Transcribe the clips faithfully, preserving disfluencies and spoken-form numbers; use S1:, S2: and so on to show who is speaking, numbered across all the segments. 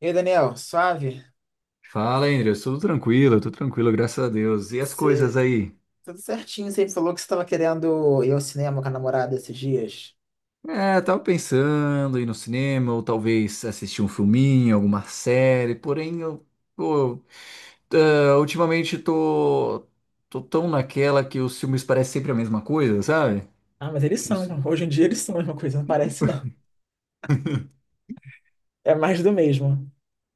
S1: E aí, Daniel, suave?
S2: Fala, Andreas, tudo tranquilo, tudo tranquilo, graças a Deus. E as coisas
S1: Você,
S2: aí?
S1: tudo certinho, você falou que você estava querendo ir ao cinema com a namorada esses dias.
S2: É, tava pensando em ir no cinema, ou talvez assistir um filminho, alguma série, porém eu, pô, ah, ultimamente tô, tô tão naquela que os filmes parecem sempre a mesma coisa, sabe?
S1: Ah, mas eles
S2: Não
S1: são, né?
S2: sei.
S1: Hoje em dia eles são a mesma coisa, não parece não. É mais do mesmo.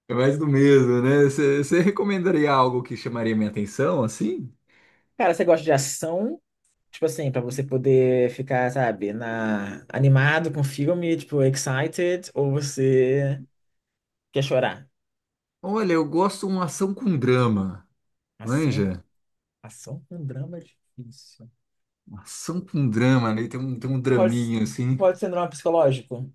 S2: É mais do mesmo, né? Você recomendaria algo que chamaria minha atenção, assim?
S1: Cara, você gosta de ação? Tipo assim, pra você poder ficar, sabe, na... animado com o filme, tipo, excited, ou você quer chorar?
S2: Olha, eu gosto de uma ação com drama,
S1: Ação,
S2: manja?
S1: ação com drama é difícil.
S2: Uma ação com drama, né? Tem um, tem um
S1: Pode,
S2: draminha, assim.
S1: pode ser um drama psicológico,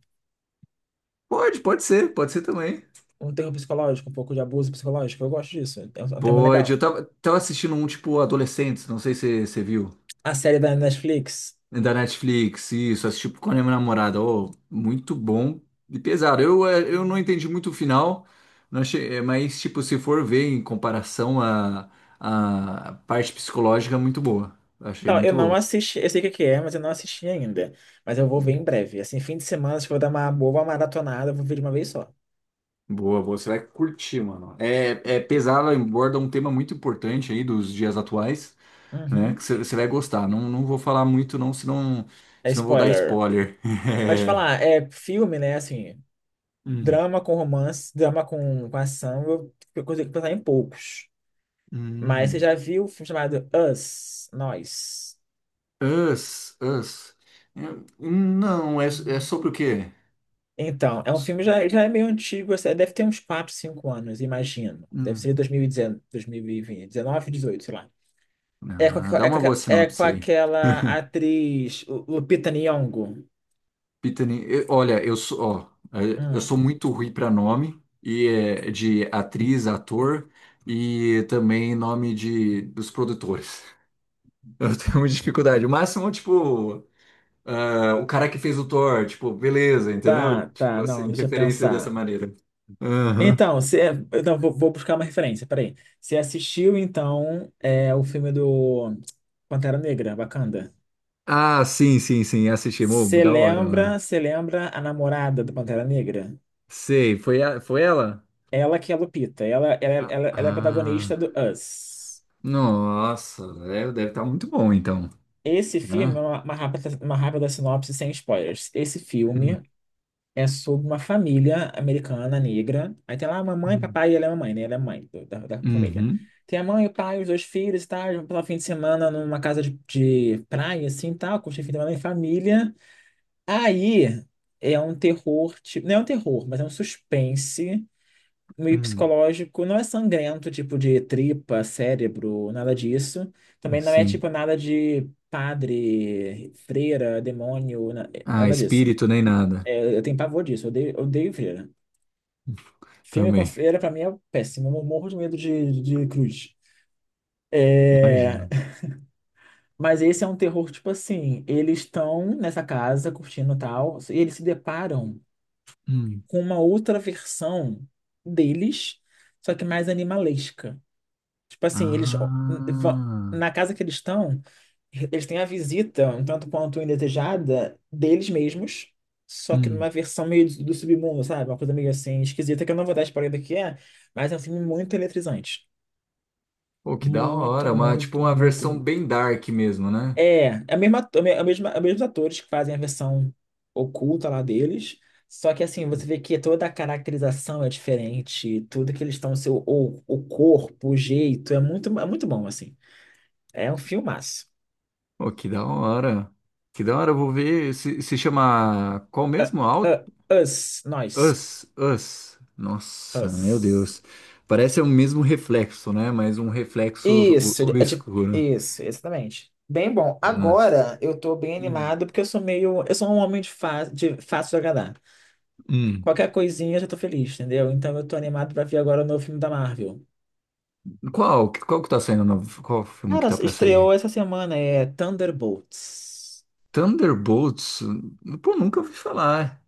S2: Pode, pode ser, pode ser também.
S1: um terror psicológico, um pouco de abuso psicológico. Eu gosto disso, é um é um tema
S2: Pode,
S1: legal.
S2: eu tava, tava assistindo um tipo Adolescentes, não sei se você viu,
S1: A série da Netflix?
S2: da Netflix, isso, assisti com a minha namorada, ó, muito bom e pesado. Eu, eh, eu não entendi muito o final, não achei, eh, mas tipo, se for ver em comparação à à parte psicológica, é muito boa. Achei
S1: Então, eu
S2: muito
S1: não
S2: boa.
S1: assisti, eu sei o que que é, mas eu não assisti ainda. Mas eu vou ver em breve. Assim, fim de semana, acho que eu vou dar uma boa maratonada, eu vou ver de uma vez só.
S2: Boa, boa, você vai curtir, mano. É, é pesado, aborda um tema muito importante aí dos dias atuais, né? Que
S1: Uhum.
S2: você vai gostar. Não, não vou falar muito, não, senão,
S1: É
S2: senão vou dar
S1: spoiler.
S2: spoiler.
S1: Mas te falar, é filme, né? Assim,
S2: Hum,
S1: drama com romance, drama com, com ação, eu, eu consigo pensar em poucos. Mas você
S2: hum.
S1: já viu o filme chamado Us, Nós?
S2: Us, Us. É, não, é, é sobre o quê?
S1: Então, é um
S2: S-
S1: filme já, já é meio antigo, assim, deve ter uns quatro cinco anos, imagino. Deve
S2: hum.
S1: ser dois dois mil mil e dezenove, dois mil e vinte dois mil e dezenove, dezoito sei lá. É com,
S2: Ah,
S1: aquela-
S2: dá
S1: é, com,
S2: uma boa
S1: aquela- é com
S2: sinopse aí.
S1: aquela atriz Lu- Lupita Nyong'o.
S2: Pitani, eu- olha, eu sou, ó, é, eu
S1: Hum,
S2: sou muito ruim para nome e é, de atriz, ator e também nome de dos produtores. Eu tenho muita dificuldade. O máximo, tipo, ah, o cara que fez o Thor, tipo, beleza, entendeu?
S1: tá,
S2: Tipo
S1: tá, não,
S2: assim,
S1: deixa eu
S2: referência dessa
S1: pensar.
S2: maneira. Aham.
S1: Então, você, então vou, vou buscar uma referência, peraí. Você assistiu, então, é, o filme do Pantera Negra, Wakanda?
S2: Ah, sim, sim, sim, assisti. Mô,
S1: Você
S2: da hora,
S1: lembra,
S2: mano.
S1: você lembra a namorada do Pantera Negra?
S2: Sei, foi, a- foi ela?
S1: Ela que é a Lupita, ela, ela,
S2: Ah,
S1: ela, ela é a
S2: ah.
S1: protagonista do Us.
S2: Nossa, velho, deve estar muito bom então,
S1: Esse filme, é
S2: né?
S1: uma, uma rápida, uma rápida sinopse sem spoilers. Esse filme é sobre uma família americana negra. Aí tem lá a mamãe,
S2: Uhum,
S1: papai, e ela é a mamãe, né? Ela é a mãe do- da, da família.
S2: uhum,
S1: Tem a mãe, o pai, os dois filhos e tal. Eles vão passar o fim de semana numa casa de, de praia, assim e tal. Curtir o fim de semana em família. Aí é um terror, tipo. Não é um terror, mas é um suspense meio
S2: uhum.
S1: psicológico. Não é sangrento, tipo de tripa, cérebro, nada disso. Também não é
S2: Sim.
S1: tipo nada de padre, freira, demônio, na-
S2: Ah,
S1: nada disso.
S2: espírito nem nada
S1: É, eu tenho pavor disso, eu odeio, eu odeio freira. Filme com
S2: também.
S1: freira, pra mim, é péssimo. Eu morro de medo de, de cruz. É,
S2: Imagina.
S1: mas esse é um terror, tipo assim, eles estão nessa casa curtindo tal, e eles se deparam
S2: Hum.
S1: com uma outra versão deles, só que mais animalesca. Tipo assim, eles va-
S2: Ah,
S1: na casa que eles estão, eles têm a visita, um tanto quanto indesejada, deles mesmos, só que
S2: hum.
S1: numa versão meio do do submundo, sabe? Uma coisa meio assim esquisita que eu não vou dar spoiler do que é, mas é um filme muito eletrizante.
S2: Pô, que da
S1: Muito,
S2: hora, uma, tipo
S1: muito,
S2: uma
S1: muito.
S2: versão bem dark mesmo, né?
S1: É, é a mesma, ato- é a mesma, é os mesmos atores que fazem a versão oculta lá deles. Só que assim, você vê que toda a caracterização é diferente, tudo que eles estão, seu, o, o corpo, o jeito, é muito, é muito bom, assim. É um filmaço.
S2: Pô, que da hora. Que da hora, eu vou ver. Se, se chama qual mesmo? Out
S1: U- Us, nós,
S2: Us. Us. Nossa, meu
S1: Us.
S2: Deus. Parece o mesmo reflexo, né? Mas um reflexo o-
S1: Isso, é tipo,
S2: obscuro.
S1: isso, exatamente. Bem bom.
S2: Nossa.
S1: Agora eu tô bem
S2: Hum.
S1: animado porque eu sou meio, eu sou um homem de, fa de fácil agradar.
S2: Hum.
S1: Qualquer coisinha eu já tô feliz, entendeu? Então eu tô animado pra ver agora o novo filme da Marvel.
S2: Qual? Qual que tá saindo? Novo? Qual o filme
S1: Cara,
S2: que tá pra
S1: estreou
S2: sair?
S1: essa semana, é Thunderbolts.
S2: Thunderbolts? Pô, nunca ouvi falar.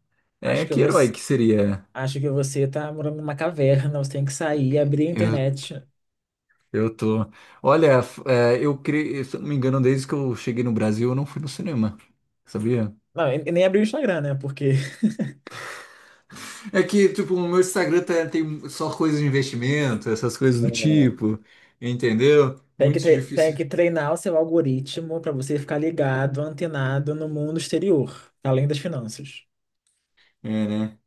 S1: Acho
S2: É,
S1: que
S2: que herói
S1: você,
S2: que seria?
S1: acho que você tá morando numa caverna, você tem que sair, abrir a
S2: Eu,
S1: internet.
S2: eu tô. Olha, f- é, eu cre... se eu não me engano, desde que eu cheguei no Brasil, eu não fui no cinema. Sabia?
S1: Não, e- e nem abrir o Instagram, né? Porque
S2: É que, tipo, o meu Instagram tá- tem só coisas de investimento, essas coisas do
S1: Hum.
S2: tipo, entendeu?
S1: tem que,
S2: Muito
S1: tre- tem
S2: difícil.
S1: que treinar o seu algoritmo pra você ficar ligado, antenado no mundo exterior, além das finanças.
S2: É, né?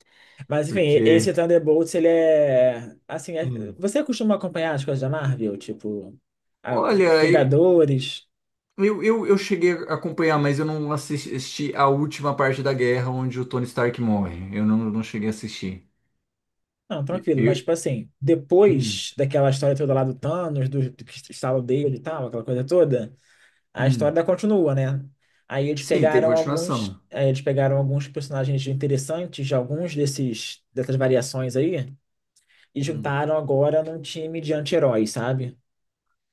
S1: Mas enfim, esse
S2: Porque.
S1: Thunderbolts, ele é. Assim, é-
S2: Hum.
S1: você costuma acompanhar as coisas da Marvel? Tipo, a-
S2: Olha, e-
S1: Vingadores.
S2: eu, eu, eu cheguei a acompanhar, mas eu não assisti a última parte da guerra onde o Tony Stark morre. Eu não, não cheguei a assistir.
S1: Não,
S2: E-
S1: tranquilo, mas
S2: Eu,
S1: tipo assim,
S2: hum,
S1: depois daquela história toda lá do Thanos, do, do que estala o dedo e tal, aquela coisa toda, a história
S2: hum.
S1: ainda continua, né? Aí eles
S2: Sim, teve
S1: pegaram alguns.
S2: continuação.
S1: aí eles pegaram alguns personagens interessantes de alguns desses, dessas variações aí, e
S2: Hum.
S1: juntaram agora num time de anti-heróis, sabe?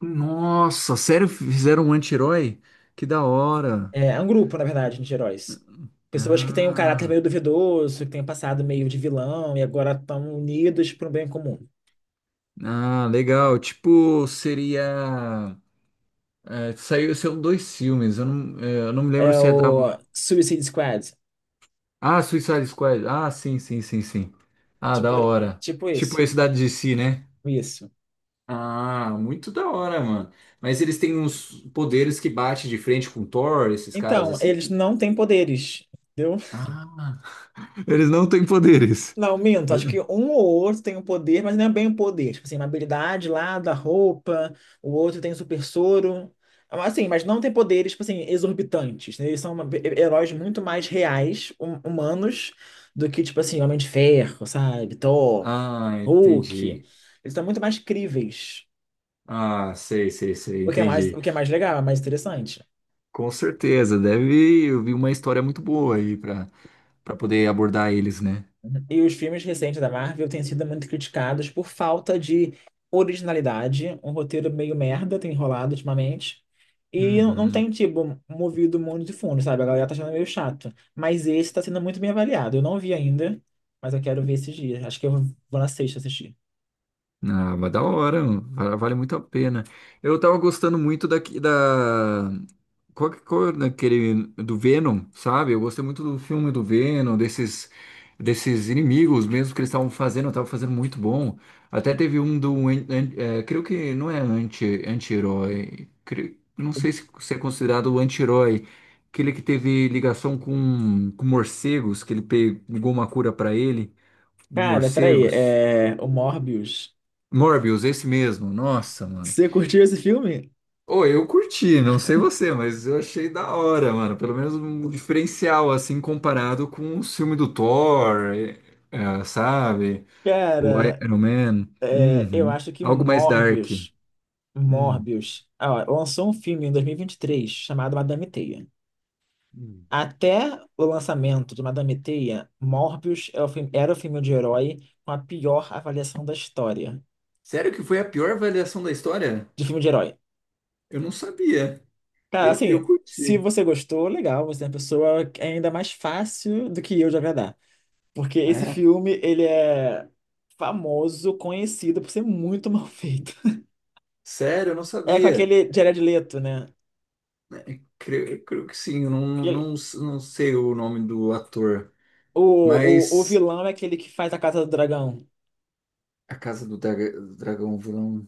S2: Nossa, sério? Fizeram um anti-herói? Que da hora.
S1: É, é um grupo, na verdade, de heróis. Pessoas que têm um caráter
S2: Ah.
S1: meio duvidoso, que têm um passado meio de vilão e agora estão unidos para um bem comum.
S2: Ah, legal. Tipo, seria. É, saiu, são dois filmes. Eu não, é, eu não me lembro
S1: É
S2: se é da.
S1: o Suicide Squad.
S2: Ah, Suicide Squad. Ah, sim, sim, sim, sim. Ah,
S1: Tipo,
S2: da hora.
S1: tipo
S2: Tipo,
S1: esse.
S2: esse da D C, né?
S1: Isso.
S2: Ah, muito da hora, mano. Mas eles têm uns poderes que bate de frente com o Thor, esses caras
S1: Então,
S2: assim?
S1: eles não têm poderes, entendeu?
S2: Ah, eles não têm poderes.
S1: Não, minto, acho que um ou outro tem um poder, mas não é bem um poder. Tipo assim, uma habilidade lá da roupa, o outro tem super soro. ah, Assim, mas não tem poderes, tipo assim, exorbitantes, né? Eles são uma- heróis muito mais reais, hum- humanos, do que, tipo assim, Homem de Ferro, sabe? Thor,
S2: Ah,
S1: Hulk.
S2: entendi.
S1: Eles são muito mais críveis.
S2: Ah, sei, sei, sei,
S1: O que é mais,
S2: entendi.
S1: o que é mais legal, é mais interessante.
S2: Com certeza, deve vir uma história muito boa aí para para poder abordar eles, né?
S1: E os filmes recentes da Marvel têm sido muito criticados por falta de originalidade, um roteiro meio merda, tem enrolado ultimamente. E não não
S2: Uhum.
S1: tem, tipo, movido o mundo de fundo, sabe? A galera tá achando meio chato. Mas esse tá sendo muito bem avaliado. Eu não vi ainda, mas eu quero ver esses dias. Acho que eu vou na sexta assistir.
S2: Ah, mas da hora, mano. Va- vale muito a pena. Eu tava gostando muito daqui da. Qual, que- qual daquele do Venom, sabe? Eu gostei muito do filme do Venom, desses desses inimigos mesmo que eles estavam fazendo, estavam fazendo muito bom. Até teve um do an- an- é, creio que não é anti anti-herói, Cre- não sei se, se é considerado anti-herói, aquele que teve ligação com, com morcegos, que ele pegou uma cura pra ele do
S1: Cara, peraí,
S2: morcegos.
S1: é... o Morbius.
S2: Morbius, esse mesmo. Nossa, mano.
S1: Você curtiu esse filme?
S2: Ô, eu curti, não sei você, mas eu achei da hora, mano. Pelo menos um diferencial, assim, comparado com o filme do Thor, eh, eh, sabe? O
S1: Cara,
S2: Iron Man.
S1: é, eu
S2: Uhum.
S1: acho que
S2: Algo mais dark.
S1: Morbius,
S2: Hum.
S1: Morbius, ah, ó, lançou um filme em dois mil e vinte e três chamado Madame Teia.
S2: Hum.
S1: Até o lançamento de Madame Teia, Morbius é o fi- era o filme de herói com a pior avaliação da história
S2: Sério que foi a pior avaliação da história?
S1: de filme de herói.
S2: Eu não sabia.
S1: Cara,
S2: Eu, eu
S1: assim, se
S2: curti.
S1: você gostou, legal, você é uma pessoa que é ainda mais fácil do que eu de agradar. Porque esse
S2: É.
S1: filme, ele é famoso, conhecido por ser muito mal feito.
S2: Sério, eu não
S1: É com
S2: sabia.
S1: aquele Jared Leto, né?
S2: É, Creio, creio que sim, eu não,
S1: Ele,
S2: não, não sei o nome do ator.
S1: o, o, o
S2: Mas.
S1: vilão é aquele que faz a Casa do Dragão.
S2: A Casa do Dra- Dragão Vilão.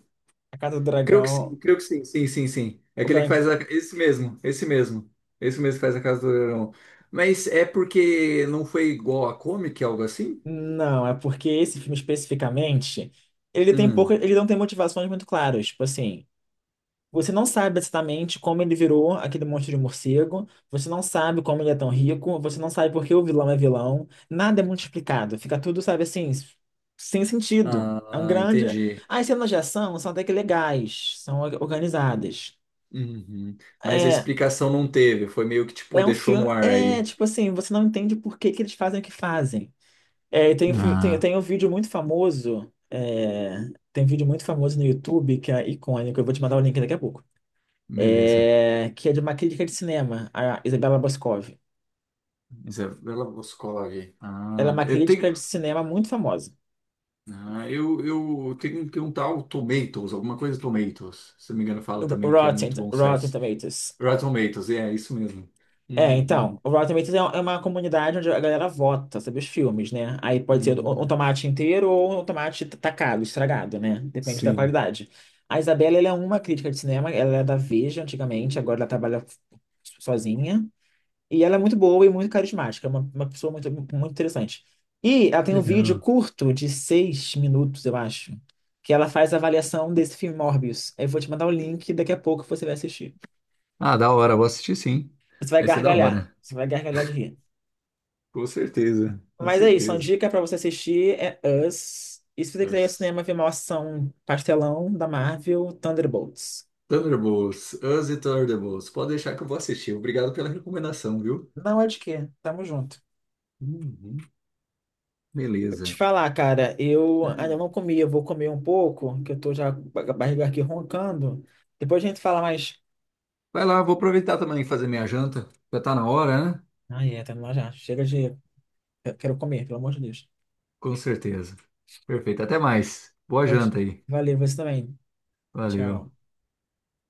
S1: A Casa do
S2: Creio que sim,
S1: Dragão,
S2: creio que sim, sim, sim, sim. É
S1: o
S2: aquele que
S1: branco.
S2: faz a... esse mesmo, esse mesmo. Esse mesmo que faz a Casa do Dragão. Mas é porque não foi igual a comic, algo assim?
S1: Não, é porque esse filme especificamente, ele tem pouco,
S2: Hum.
S1: ele não tem motivações muito claras. Tipo assim, você não sabe exatamente como ele virou aquele monstro de morcego, você não sabe como ele é tão rico, você não sabe por que o vilão é vilão, nada é muito explicado, fica tudo, sabe assim, s- sem sentido. É um
S2: Ah,
S1: grande.
S2: entendi.
S1: As cenas de ação são até que legais, são or- organizadas.
S2: Uhum. Mas a
S1: É,
S2: explicação não teve, foi meio que tipo,
S1: é um
S2: deixou no
S1: filme.
S2: ar
S1: É,
S2: aí.
S1: tipo assim, você não entende por que que eles fazem o que fazem. É, e tem, fi- tem,
S2: Ah,
S1: tem um vídeo muito famoso, é, tem um vídeo muito famoso no YouTube que é icônico, eu vou te mandar o link daqui a pouco,
S2: beleza.
S1: é, que é de uma crítica de cinema, a Isabella Boscov.
S2: Isabela Boscov.
S1: Ela é
S2: Ah,
S1: uma
S2: eu
S1: crítica
S2: tenho.
S1: de cinema muito famosa.
S2: Ah, eu, eu tenho que um tal Tomatoes, alguma coisa Tomatoes. Se não me engano, fala também que é
S1: Rotten,
S2: muito bom
S1: Rotten
S2: site
S1: Tomatoes.
S2: Rotten Tomatoes, é, é isso mesmo.
S1: É,
S2: Uhum.
S1: então, o Rotten Tomatoes é um, é uma comunidade onde a galera vota sobre os filmes, né? Aí pode ser um um
S2: Hum,
S1: tomate inteiro ou um tomate t- tacado, estragado, né? Depende da
S2: sim.
S1: qualidade. A Isabela, ela é uma crítica de cinema, ela é da Veja antigamente, agora ela trabalha sozinha. E ela é muito boa e muito carismática, é uma, uma pessoa muito, muito interessante. E ela tem um vídeo
S2: Legal.
S1: curto de seis minutos, eu acho, que ela faz a avaliação desse filme Morbius. Eu vou te mandar o link daqui a pouco você vai assistir.
S2: Ah, da hora, vou assistir sim.
S1: Você vai
S2: Vai ser da
S1: gargalhar,
S2: hora.
S1: você vai gargalhar de rir.
S2: Com certeza, com
S1: Mas é isso, uma
S2: certeza.
S1: dica pra você assistir é Us. E se você quiser ir ao
S2: Us.
S1: cinema ver uma ação pastelão da Marvel, Thunderbolts.
S2: Thunderbolts, Us e Thunderbolts. Pode deixar que eu vou assistir. Obrigado pela recomendação, viu?
S1: Não é de quê? Tamo junto.
S2: Uhum.
S1: Te
S2: Beleza.
S1: falar, cara, eu ainda
S2: Hum.
S1: não comi, eu vou comer um pouco, que eu tô já com a barriga aqui roncando. Depois a gente fala mais.
S2: Vai lá, vou aproveitar também e fazer minha janta. Já tá na hora, né?
S1: Ah é, tá indo lá já. Chega de. Eu quero comer, pelo amor de Deus.
S2: Com certeza. Perfeito. Até mais. Boa
S1: Tchau, tchau.
S2: janta aí.
S1: Valeu, você também.
S2: Valeu.
S1: Tchau.